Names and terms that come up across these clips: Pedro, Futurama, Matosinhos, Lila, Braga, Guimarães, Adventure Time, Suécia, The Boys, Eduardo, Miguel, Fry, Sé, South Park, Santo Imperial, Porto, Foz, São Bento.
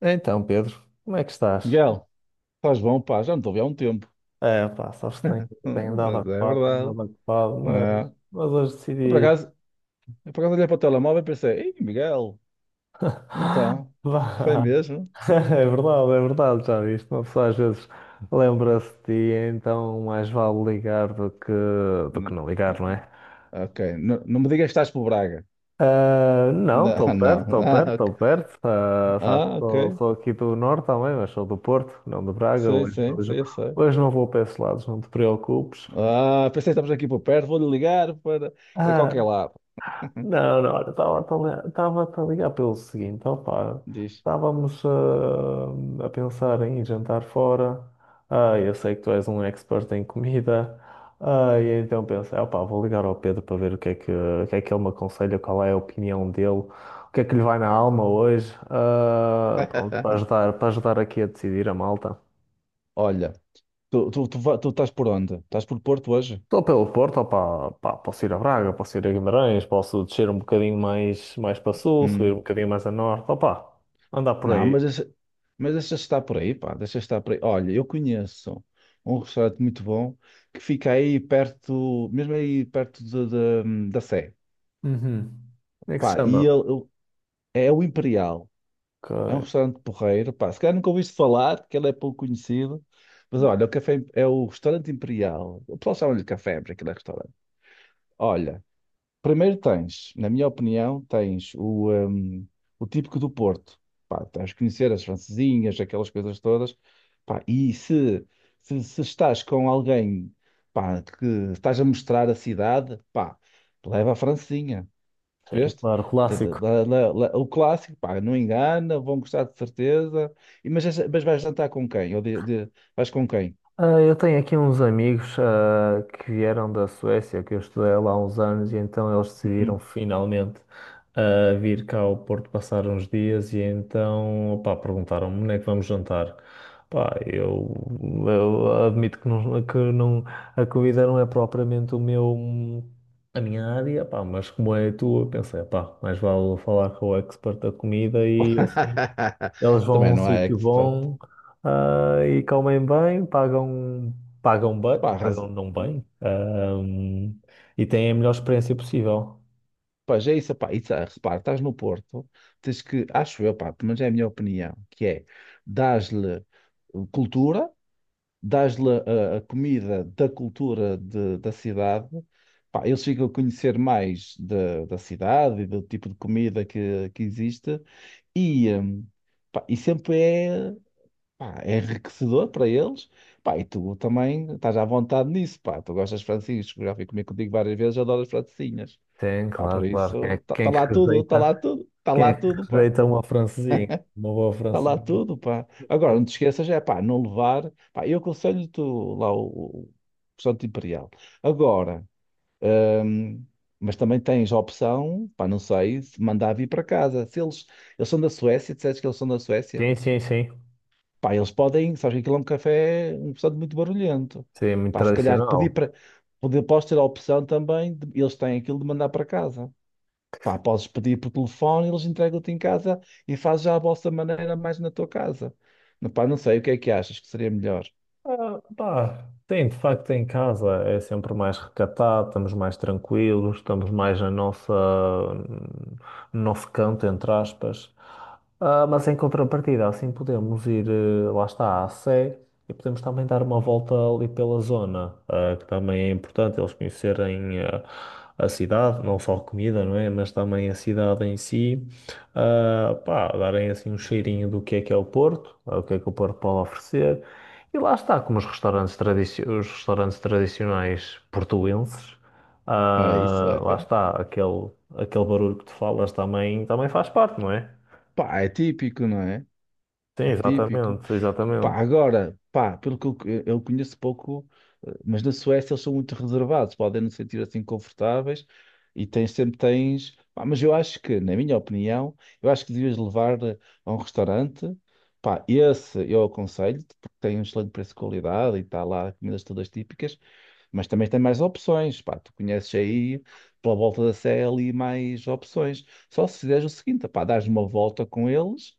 Então, Pedro, como é que estás? Miguel, estás bom, pá, já não te ouvi há um tempo. É, pá, sabes que tenho andado Mas é ocupado, tenho verdade. andado ocupado, É. mas hoje Eu, por decidi. acaso, eu, por acaso, olhei para o telemóvel e pensei, Ei, Miguel, então, foi Vá. mesmo? É verdade, já viste. Uma pessoa às vezes lembra-se de ti, então mais vale ligar do que N- não ligar, não é? Ok, não me digas que estás por Braga. Ah, não, Não, estou perto, não. estou perto, Ah, ok. estou perto. Ah, sabes que Ah, ok. Sou aqui do Norte também, mas sou do Porto, não de Braga. Sim, sim, sim, eu sei. Hoje não vou para esses lados, não te preocupes. Ah, pensei que estamos aqui por perto, vou-lhe ligar para a Ah, qualquer lado. não, não, olha, estava a ligar pelo seguinte, opá, Diz. estávamos a pensar em ir jantar fora, eu sei que tu és um expert em comida, e então pensei, opá, vou ligar ao Pedro para ver o que é que ele me aconselha, qual é a opinião dele, o que é que lhe vai na alma hoje, pronto, para ajudar aqui a decidir a malta. Olha, tu estás por onde? Estás por Porto hoje? Estou pelo Porto, opá, pá, posso ir a Braga, posso ir a Guimarães, posso descer um bocadinho mais para sul, subir um bocadinho mais a norte, opá, andar por Não, aí. mas essa está por aí, pá, deixa estar por aí. Olha, eu conheço um restaurante muito bom que fica aí perto, mesmo aí perto da Sé. Uhum. Como é que se Pá, e chama? ele, ele- é o Imperial. É um Que, restaurante porreiro, pá. Se calhar nunca ouviste falar, que ele é pouco conhecido. Mas olha, o café é o restaurante Imperial. O pessoal chama-lhe café, porque aquilo é restaurante. Olha. Primeiro tens, na minha opinião, tens o típico do Porto. Pá, tens de conhecer as francesinhas, aquelas coisas todas. Pá, e se estás com alguém, pá, que estás a mostrar a cidade, pá, leva a francesinha. sim, Percebeste? claro, Da- da- clássico. da- da- da- o clássico, pá, não engana, vão gostar de certeza. E, mas, mas vais jantar com quem? Ou vais com quem? Ah, eu tenho aqui uns amigos, que vieram da Suécia, que eu estudei lá há uns anos, e então eles decidiram Hum. finalmente, vir cá ao Porto passar uns dias, e então, pá, perguntaram-me onde é que vamos jantar. Pá, eu admito que não, a comida não é propriamente o meu, a minha área, pá, mas como é a tua, eu pensei, pá, mais vale falar com o expert da comida e assim. Eles vão a Também um não é sítio expert. bom, e comem bem, pagam bem, Pá, pagam não bem, e têm a melhor experiência possível. pois é isso, pá, isso, ah, repara, estás no Porto, tens que, acho eu, pá, pelo menos é a minha opinião, que é dás-lhe cultura, dás-lhe a comida da cultura da cidade, pá, eles ficam a conhecer mais da cidade e do tipo de comida que existe e, pá, e sempre é, pá, é enriquecedor para eles, pá, e tu também estás à vontade nisso, pá, tu gostas de francesinhas, já fui comer contigo várias vezes, adoro as francesinhas. Tem, Pá, claro, por claro. Isso, Quem está é que lá tudo, está rejeita? lá tudo, está Quem lá é que tudo, pá. rejeita uma francesinha? Uma boa Está lá francesinha. tudo, pá. Agora, não te esqueças, é pá, não levar. Pá, eu aconselho-te lá o Santo Imperial. Agora, hum, mas também tens a opção, pá, não sei, se mandar vir para casa. Se eles são da Suécia, disseste que eles são da Suécia, Sim, sim, sim. pá, eles podem, sabes que aquilo é um café, um restaurante muito barulhento. Sim, é muito Pá, se calhar pedir tradicional. para, poder, podes ter a opção também, eles têm aquilo de mandar para casa. Pá, podes pedir por telefone, eles entregam-te em casa e fazes já a vossa maneira mais na tua casa. Não, pá, não sei, o que é que achas que seria melhor? Ah, pá, tem, de facto, em casa é sempre mais recatado, estamos mais tranquilos, estamos mais na nossa, no nosso canto, entre aspas. Ah, mas em contrapartida, assim podemos ir, lá está, à Sé e podemos também dar uma volta ali pela zona, que também é importante eles conhecerem a cidade, não só a comida, não é? Mas também a cidade em si, ah, pá, darem assim um cheirinho do que é o Porto, o que é que o Porto pode oferecer. E lá está, como os restaurantes, tradici os restaurantes tradicionais portuenses, É isso, lá é. está, aquele barulho que tu falas também, também faz parte, não é? Pá, é típico, não é? Sim, É típico. exatamente, Pá, exatamente. agora, pá, pelo que eu conheço pouco, mas na Suécia eles são muito reservados, podem não se sentir assim confortáveis e tens, sempre tens. Pá, mas eu acho que, na minha opinião, eu acho que devias levar a um restaurante. Pá, esse eu aconselho-te, porque tem um excelente preço-qualidade e qualidade e está lá comidas todas típicas. Mas também tem mais opções, pá. Tu conheces aí, pela volta da Sé, ali mais opções. Só se fizeres o seguinte, pá, dás uma volta com eles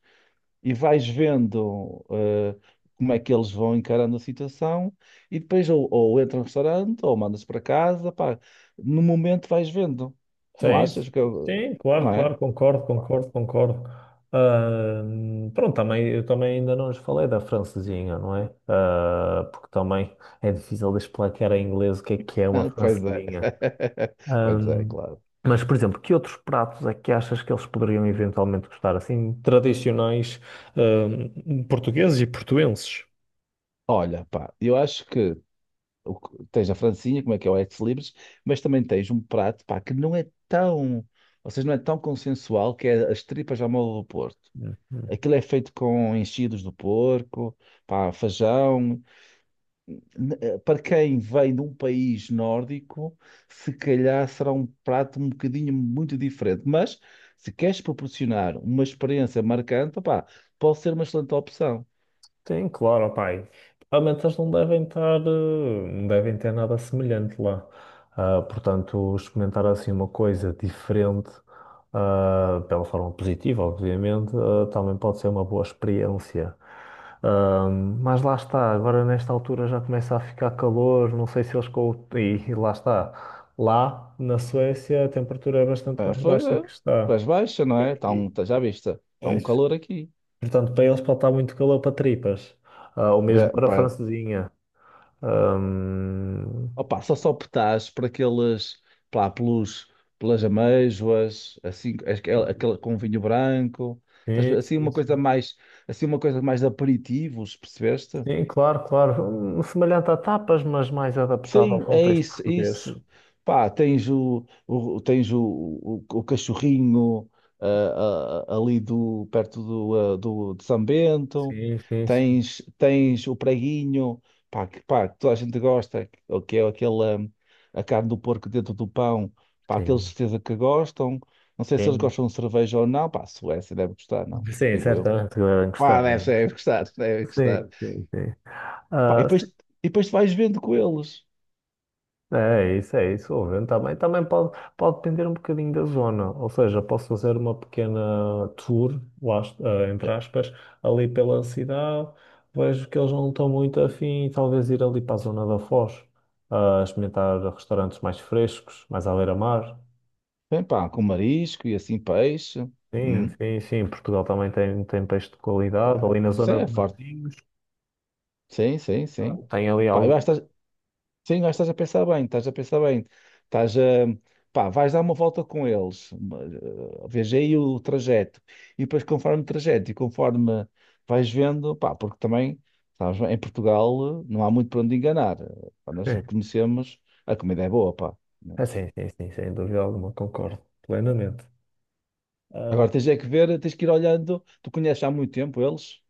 e vais vendo como é que eles vão encarando a situação e depois ou entra no restaurante ou mandas para casa, pá. No momento vais vendo. Não Sim, achas que eu... sim, claro, Não é? claro, concordo, concordo, concordo. Pronto, também, eu também ainda não lhes falei da francesinha, não é? Ah, porque também é difícil de explicar em inglês o que é uma Pois é. francesinha. Pois é, Ahm, claro. mas, por exemplo, que outros pratos é que achas que eles poderiam eventualmente gostar, assim, tradicionais, portugueses e portuenses? Olha, pá, eu acho que tens a francinha, como é que é o ex libris, mas também tens um prato, pá, que não é tão, ou seja, não é tão consensual, que é as tripas à moda do Porto. Aquilo é feito com enchidos do porco, pá, feijão. Para quem vem de um país nórdico, se calhar será um prato um bocadinho muito diferente. Mas se queres proporcionar uma experiência marcante, pá, pode ser uma excelente opção. Tem, claro, opá. E realmente eles não devem estar, não devem ter nada semelhante lá. Ah, portanto, experimentar assim uma coisa diferente, pela forma positiva, obviamente, também pode ser uma boa experiência. Ah, mas lá está, agora nesta altura já começa a ficar calor, não sei se eles com... e lá está. Lá na Suécia a temperatura é bastante Ah, mais foi, baixa que está pois baixa, não é? Tá um, aqui. tá- já viste, está um calor aqui. Portanto, para eles pode estar muito calor para tripas. Ah, ou mesmo para a francesinha. Ahm, Opa, só optás por aqueles, pá, pelas amêijoas, assim, aquele com vinho branco, Estás a sim, ver? assim sim, uma coisa sim. mais, assim uma coisa mais de aperitivos, percebeste? Sim, claro, claro. Um, semelhante a tapas, mas mais adaptado ao Sim, é contexto isso, português. isso. Pá, tens o cachorrinho, perto de São Bento, Sim, sim, sim. tens o preguinho, pá, que toda a gente gosta, que é aquela, a carne do porco dentro do pão, pá, aqueles Sim, certeza que gostam. Não sei se eles sim. gostam de cerveja ou não, pá, a Suécia deve gostar, não, Sim, digo eu. certamente que devem gostar. Pá, deve, deve gostar, deve gostar. Sim, sim, sim. Pá, e Ah, depois, e depois tu vais vendo com eles. é é isso, é isso. O vento também, também pode, pode depender um bocadinho da zona. Ou seja, posso fazer uma pequena tour, lá, eh, entre aspas, ali pela cidade. Vejo que eles não estão muito afim talvez ir ali para a zona da Foz, a experimentar restaurantes mais frescos, mais à beira-mar. Bem, pá, com marisco e assim peixe. Sim, Hum, sim, sim. Portugal também tem, tem peixe de qualidade. pá, Ali na sim, zona é de forte. Matosinhos, Sim, sim, sim. tem ali Pá, algo. eu acho que estás, sim, eu acho que estás a pensar bem, estás a pensar bem. Estás a, pá, vais dar uma volta com eles. Vês aí o trajeto. E depois, conforme o trajeto e conforme vais vendo, pá, porque também, sabes, bem, em Portugal não há muito para onde enganar. Pá, nós já conhecemos, a comida é boa, pá. Ah, sim, sim, sim, sem dúvida alguma, concordo plenamente. Ah, Agora tens é que ver, tens que ir olhando. Tu conheces há muito tempo eles?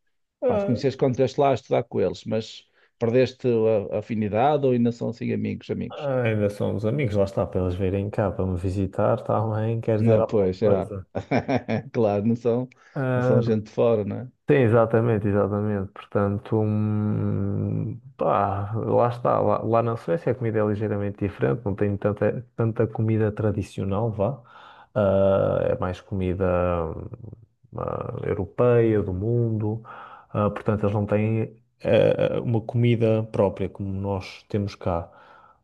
Pá, te ah, conheces quando estiveste lá a estudar com eles, mas perdeste a afinidade ou ainda são assim amigos, amigos? Ah, ainda somos amigos, lá está, para eles virem cá para me visitar também, quer dizer Não, alguma pois, já. coisa. Claro, não são Ah, gente de fora, não é? sim, exatamente, exatamente. Portanto, pá, lá está, lá na Suécia a comida é ligeiramente diferente, não tem tanta, tanta comida tradicional, vá. Ah, é mais comida hum, ah, europeia, do mundo. Ah, portanto, eles não têm uma comida própria como nós temos cá.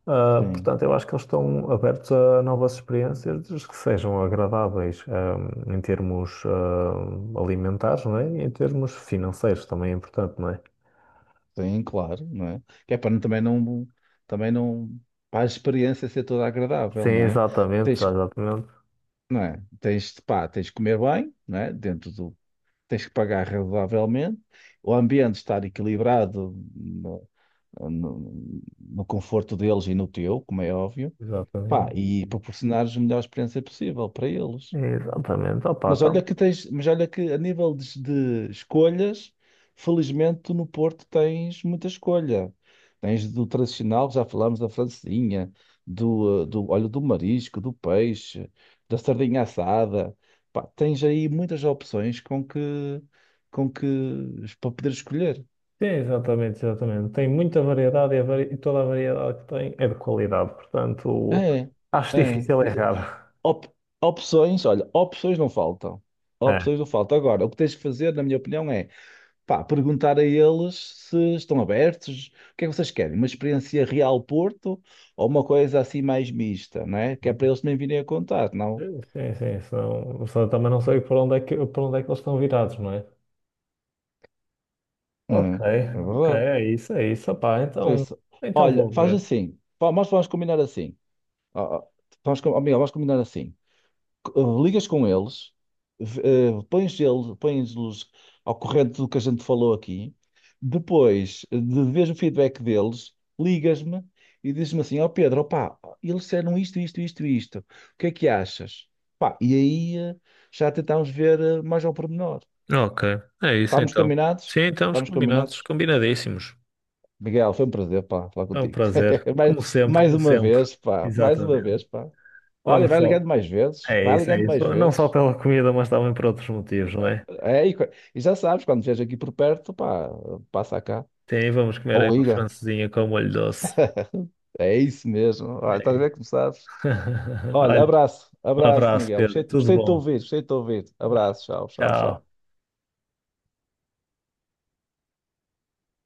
Ah, Sim, portanto, eu acho que eles estão abertos a novas experiências desde que sejam agradáveis, ah, em termos, alimentares, não é? E em termos financeiros também é importante, não é? sim, claro, não é? Que é para também não, para a experiência ser toda agradável, Sim, não é? exatamente, Tens, que- exatamente. não é? Pá, tens de comer bem, não é? Tens que pagar razoavelmente, o ambiente estar equilibrado no, no conforto deles e no teu, como é óbvio. Pá, Exatamente. e proporcionares a melhor experiência possível para eles. Exatamente. Opa, Mas tá. olha que tens, mas olha que a nível de escolhas, felizmente tu no Porto tens muita escolha. Tens do tradicional, já falámos da francesinha, do olho do marisco, do peixe, da sardinha assada. Pá, tens aí muitas opções com que para poder escolher. Sim, exatamente, exatamente. Tem muita variedade e, e toda a variedade que tem é de qualidade, portanto, É, acho é. difícil errar. Op- opções, olha, opções não faltam. É. Opções não faltam. Agora, o que tens que fazer, na minha opinião, é pá, perguntar a eles se estão abertos, o que é que vocês querem? Uma experiência real Porto ou uma coisa assim mais mista, não é? Que é para eles também virem a contar, não? Sim, sim, senão, senão também não sei por onde é que eles estão virados, não é? Ok, É, é ok, verdade. é isso, é isso. Opá, então, Isso. então Olha, vou faz ver. assim, pá, nós vamos combinar assim. Ó, Ó, Miguel, vamos combinar assim. Ligas com eles, v- pões-los ao corrente do que a gente falou aqui. Depois de veres o feedback deles, ligas-me e dizes-me assim: Ó Pedro, opá, eles disseram isto, isto, isto, isto. O que é que achas? Pá, e aí já tentámos ver mais ao pormenor. Ok, é isso Estamos então. Sim, combinados? então, os Estamos combinados, combinados? combinadíssimos. Miguel, foi um prazer, pá, falar É um contigo. prazer. Como Mais, sempre, mais como uma sempre. vez, pá, mais uma Exatamente. vez, pá. Olha, Vamos vai só. ligando mais vezes, É vai isso, é ligando mais isso. Não só vezes. pela comida, mas também por outros motivos, não é? É, e, e já sabes, quando vier aqui por perto, pá, passa cá. Sim, vamos comer aí Ou uma liga. francesinha com molho doce. É isso mesmo. Olha, É estás a ver isso. como sabes? Olha, Olha, abraço, um abraço, abraço, Miguel. Gostei, Pedro. Tudo gostei de te bom. ouvir, gostei de te ouvir. Ah, Abraço, tchau, tchau, tchau. tchau.